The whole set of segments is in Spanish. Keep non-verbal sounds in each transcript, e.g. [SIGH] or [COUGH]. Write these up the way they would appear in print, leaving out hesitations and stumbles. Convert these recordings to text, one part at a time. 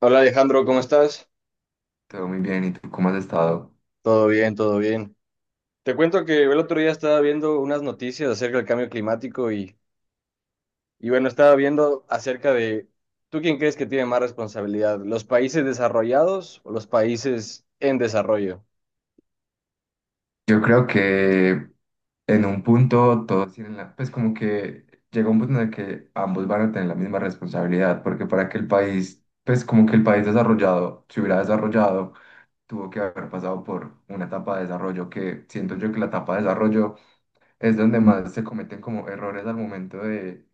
Hola Alejandro, ¿cómo estás? Todo muy bien, ¿y tú cómo has estado? Todo bien, todo bien. Te cuento que el otro día estaba viendo unas noticias acerca del cambio climático y bueno, estaba viendo acerca de, ¿tú quién crees que tiene más responsabilidad? ¿Los países desarrollados o los países en desarrollo? Yo creo que en un punto todos tienen la, pues como que llega un punto en el que ambos van a tener la misma responsabilidad, porque para que el país, pues como que el país desarrollado se hubiera desarrollado, tuvo que haber pasado por una etapa de desarrollo que siento yo que la etapa de desarrollo es donde más se cometen como errores al momento de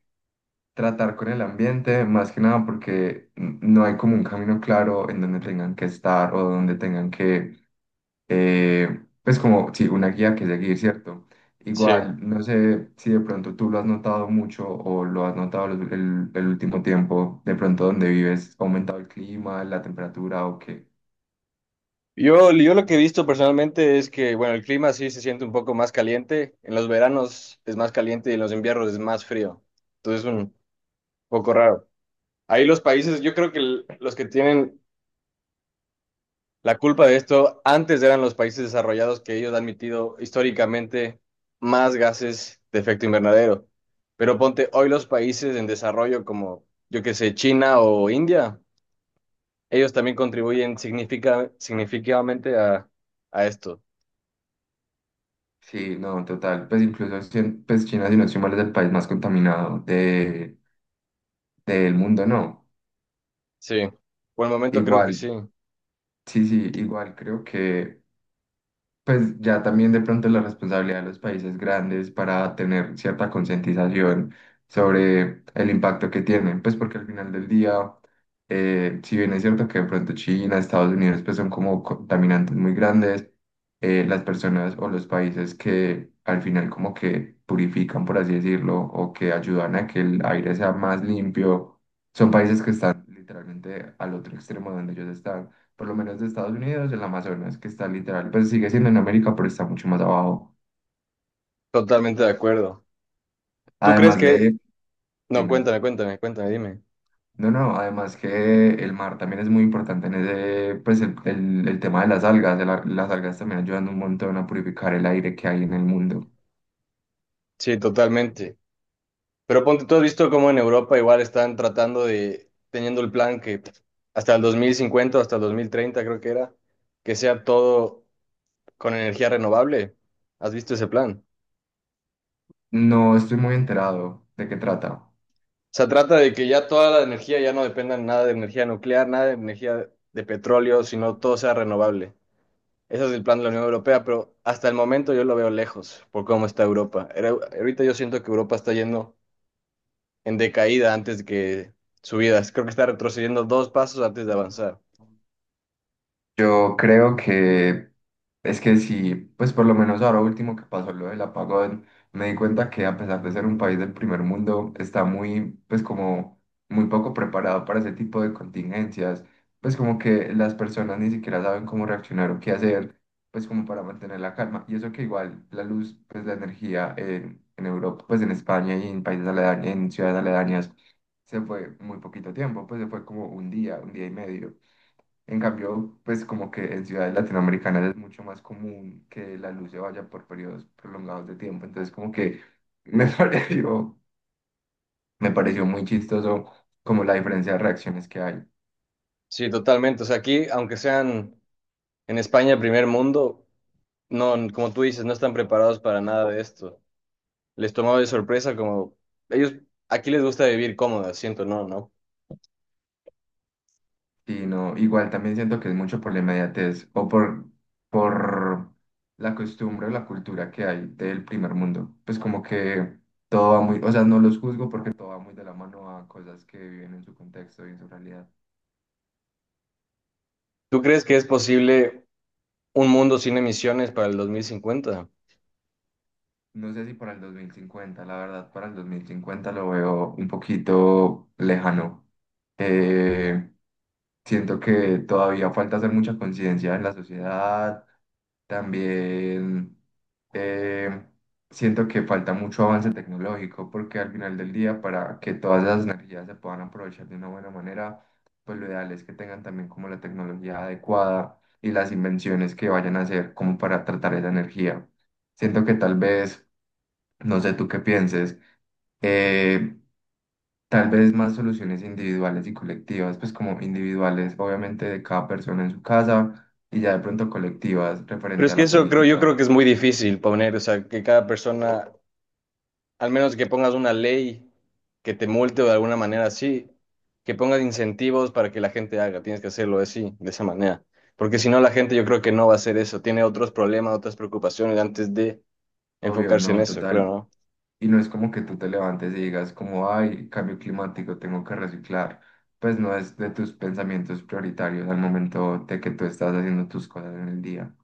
tratar con el ambiente, más que nada porque no hay como un camino claro en donde tengan que estar o donde tengan que eh, pues como, sí, una guía que seguir, ¿cierto? Sí. Igual, no sé si de pronto tú lo has notado mucho o lo has notado el último tiempo, de pronto donde vives, ¿ha aumentado el clima, la temperatura o qué? Yo lo que he visto personalmente es que, bueno, el clima sí se siente un poco más caliente, en los veranos es más caliente y en los inviernos es más frío. Entonces es un poco raro. Ahí los países, yo creo que los que tienen la culpa de esto, antes eran los países desarrollados, que ellos han emitido históricamente más gases de efecto invernadero. Pero ponte, hoy los países en desarrollo como, yo qué sé, China o India, ellos también contribuyen significativamente a esto. Sí, no, total, pues incluso, pues China, si no estoy mal, es el país más contaminado de, del mundo, ¿no? Sí, por el momento creo que Igual, sí, sí, sí, igual creo que... Pues ya también de pronto la responsabilidad de los países grandes para tener cierta concientización sobre el impacto que tienen, pues porque al final del día, si bien es cierto que de pronto China, Estados Unidos, pues son como contaminantes muy grandes, las personas o los países que al final como que purifican, por así decirlo, o que ayudan a que el aire sea más limpio, son países que están literalmente al otro extremo donde ellos están por lo menos de Estados Unidos, el Amazonas, que está literal, pues sigue siendo en América, pero está mucho más abajo. totalmente de acuerdo. ¿Tú crees Además que... de, No, dime, cuéntame, cuéntame, cuéntame, dime. no, no, además que el mar también es muy importante en ese, pues el tema de las algas, de las algas también ayudan un montón a purificar el aire que hay en el mundo. Sí, totalmente. Pero ponte, tú has visto cómo en Europa igual están tratando de, teniendo el plan que hasta el 2050, hasta el 2030 creo que era, que sea todo con energía renovable. ¿Has visto ese plan? No estoy muy enterado de qué trata. Se trata de que ya toda la energía ya no dependa nada de energía nuclear, nada de energía de petróleo, sino todo sea renovable. Ese es el plan de la Unión Europea, pero hasta el momento yo lo veo lejos por cómo está Europa. Ahorita yo siento que Europa está yendo en decaída antes de que subidas. Creo que está retrocediendo dos pasos antes de avanzar. Yo creo que es que sí, pues por lo menos ahora último que pasó lo del apagón, me di cuenta que a pesar de ser un país del primer mundo, está muy, pues como muy poco preparado para ese tipo de contingencias, pues como que las personas ni siquiera saben cómo reaccionar o qué hacer, pues como para mantener la calma. Y eso que igual la luz, pues la energía en Europa, pues en España y en países aledaños, en ciudades aledañas, se fue muy poquito tiempo, pues se fue como un día y medio. En cambio, pues como que en ciudades latinoamericanas es mucho más común que la luz se vaya por periodos prolongados de tiempo. Entonces como que me [LAUGHS] pareció, me pareció muy chistoso como la diferencia de reacciones que hay. Sí, totalmente. O sea, aquí, aunque sean en España primer mundo, no, como tú dices, no están preparados para nada de esto. Les tomaba de sorpresa como ellos, aquí les gusta vivir cómodo, siento, no, ¿no? Y no, igual también siento que es mucho por la inmediatez o por la costumbre o la cultura que hay del primer mundo. Pues como que todo va muy, o sea, no los juzgo porque todo va muy de la mano a cosas que viven en su contexto y en su realidad. ¿Tú crees que es posible un mundo sin emisiones para el 2050? No sé si para el 2050, la verdad, para el 2050 lo veo un poquito lejano. Eh, Siento que todavía falta hacer mucha conciencia en la sociedad. También eh, siento que falta mucho avance tecnológico porque al final del día, para que todas esas energías se puedan aprovechar de una buena manera, pues lo ideal es que tengan también como la tecnología adecuada y las invenciones que vayan a hacer como para tratar esa energía. Siento que tal vez no sé tú qué pienses. eh, Tal vez más soluciones individuales y colectivas, pues como individuales, obviamente de cada persona en su casa y ya de pronto colectivas Pero referente es a que la eso creo, yo política. creo que es muy difícil poner, o sea, que cada persona, al menos que pongas una ley que te multe o de alguna manera así, que pongas incentivos para que la gente haga, tienes que hacerlo así, de esa manera. Porque si no, la gente yo creo que no va a hacer eso, tiene otros problemas, otras preocupaciones antes de Obvio, enfocarse en no, eso, creo, total. ¿no? Y no es como que tú te levantes y digas como, ay, cambio climático, tengo que reciclar. Pues no es de tus pensamientos prioritarios al momento de que tú estás haciendo tus cosas en el día.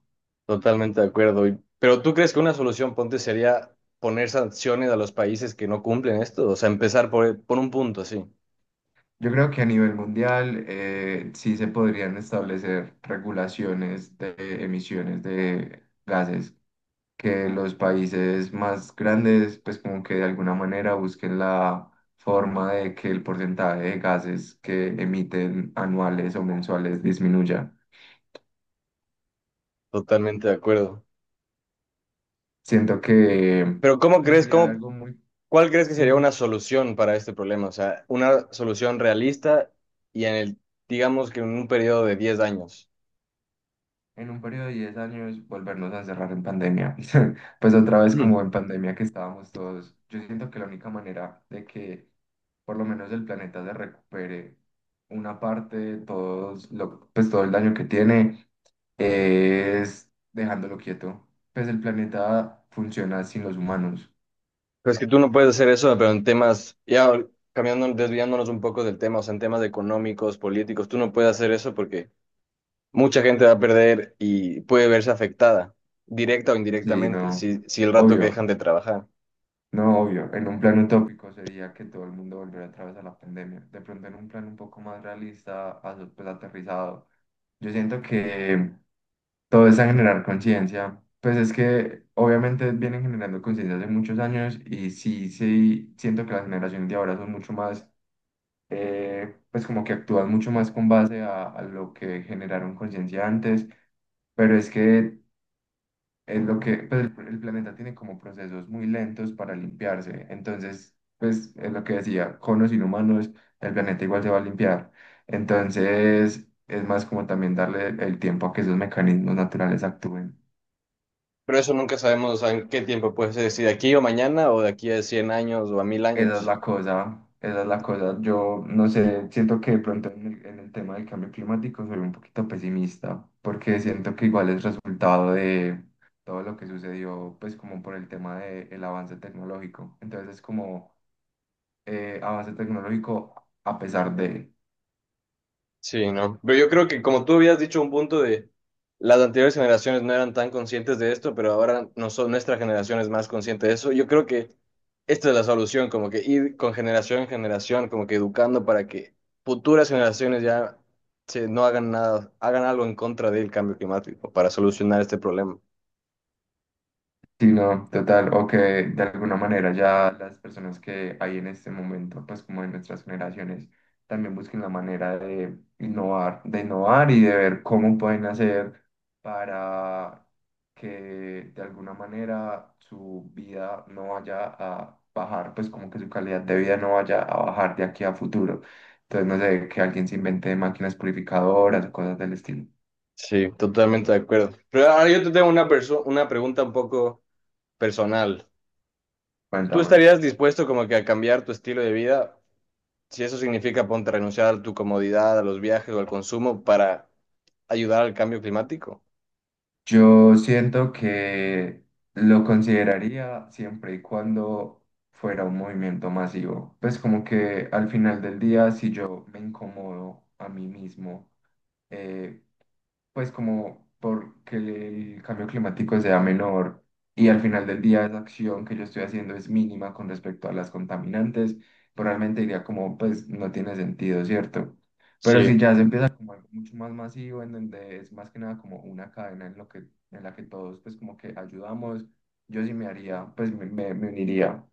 Totalmente de acuerdo. Y- pero ¿tú crees que una solución, ponte, sería poner sanciones a los países que no cumplen esto? O sea, empezar por un punto, sí, Yo creo que a nivel mundial sí se podrían establecer regulaciones de emisiones de gases, que los países más grandes pues como que de alguna manera busquen la forma de que el porcentaje de gases que emiten anuales o mensuales disminuya. totalmente de acuerdo. Siento que Pero ¿cómo pues crees, sería cómo, algo muy, ¿cuál crees que sería siento una solución para este problema? O sea, una solución realista y en el, digamos que en un periodo de 10 años. en un periodo de 10 años volvernos a encerrar en pandemia. [LAUGHS] Pues otra vez Ujú. como en pandemia que estábamos todos. Yo siento que la única manera de que por lo menos el planeta se recupere una parte, de todos lo, pues todo el daño que tiene, es dejándolo quieto. Pues el planeta funciona sin los humanos. Pues que tú no puedes hacer eso, pero en temas, ya cambiando, desviándonos un poco del tema, o sea, en temas económicos, políticos, tú no puedes hacer eso porque mucha gente va a perder y puede verse afectada, directa o Sí, indirectamente, no, si el rato que obvio, dejan de trabajar. no, obvio. En un plan utópico sería que todo el mundo volviera a través de la pandemia. De pronto en un plan un poco más realista, pues aterrizado, yo siento que todo es a generar conciencia. Pues es que obviamente vienen generando conciencia hace muchos años y sí, sí, siento que las generaciones de ahora son mucho más, pues como que actúan mucho más con base a lo que generaron conciencia antes. Pero es que es lo que, pues, el planeta tiene como procesos muy lentos para limpiarse. Entonces, pues, es lo que decía, con los inhumanos, el planeta igual se va a limpiar. Entonces, es más como también darle el tiempo a que esos mecanismos naturales actúen. Pero eso nunca sabemos, o sea, en qué tiempo puede ser, si de aquí o mañana o de aquí a 100 años o a 1000 Esa es años. la cosa, esa es la cosa. Yo, no sé, siento que de pronto en el tema del cambio climático soy un poquito pesimista, porque siento que igual es resultado de todo lo que sucedió, pues, como por el tema del avance tecnológico. Entonces, es como avance tecnológico a pesar de, Sí, no. Pero yo creo que como tú habías dicho un punto de las anteriores generaciones no eran tan conscientes de esto, pero ahora no son, nuestra generación es más consciente de eso. Yo creo que esta es la solución, como que ir con generación en generación, como que educando para que futuras generaciones ya se, no hagan nada, hagan algo en contra del cambio climático para solucionar este problema. sí, no, total, o que de alguna manera ya las personas que hay en este momento, pues como en nuestras generaciones, también busquen la manera de innovar y de ver cómo pueden hacer para que de alguna manera su vida no vaya a bajar, pues como que su calidad de vida no vaya a bajar de aquí a futuro. Entonces, no sé, que alguien se invente máquinas purificadoras o cosas del estilo. Sí, totalmente de acuerdo. Pero ahora yo te tengo una una pregunta un poco personal. ¿Tú Cuéntame. estarías dispuesto como que a cambiar tu estilo de vida? Si eso significa, ponte, a renunciar a tu comodidad, a los viajes o al consumo para ayudar al cambio climático. Yo siento que lo consideraría siempre y cuando fuera un movimiento masivo. Pues como que al final del día, si yo me incomodo a mí mismo eh, pues como porque el cambio climático sea menor y al final del día esa acción que yo estoy haciendo es mínima con respecto a las contaminantes, probablemente diría como, pues no tiene sentido, ¿cierto? Pero Sí, si ya se empieza como algo mucho más masivo, en donde es más que nada como una cadena en lo que, en la que todos pues como que ayudamos, yo sí me haría, pues me uniría.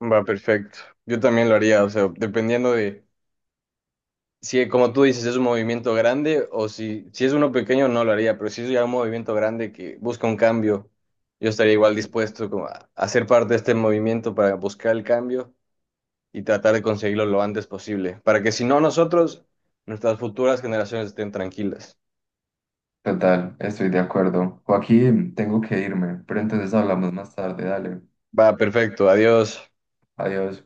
va perfecto. Yo también lo haría, o sea, dependiendo de si, como tú dices, es un movimiento grande o si es uno pequeño, no lo haría, pero si es ya un movimiento grande que busca un cambio, yo estaría igual dispuesto como a ser parte de este movimiento para buscar el cambio y tratar de conseguirlo lo antes posible, para que si no nosotros, nuestras futuras generaciones estén tranquilas. Total, estoy de acuerdo. Joaquín, tengo que irme, pero entonces hablamos más tarde, dale. Va perfecto, adiós. Adiós.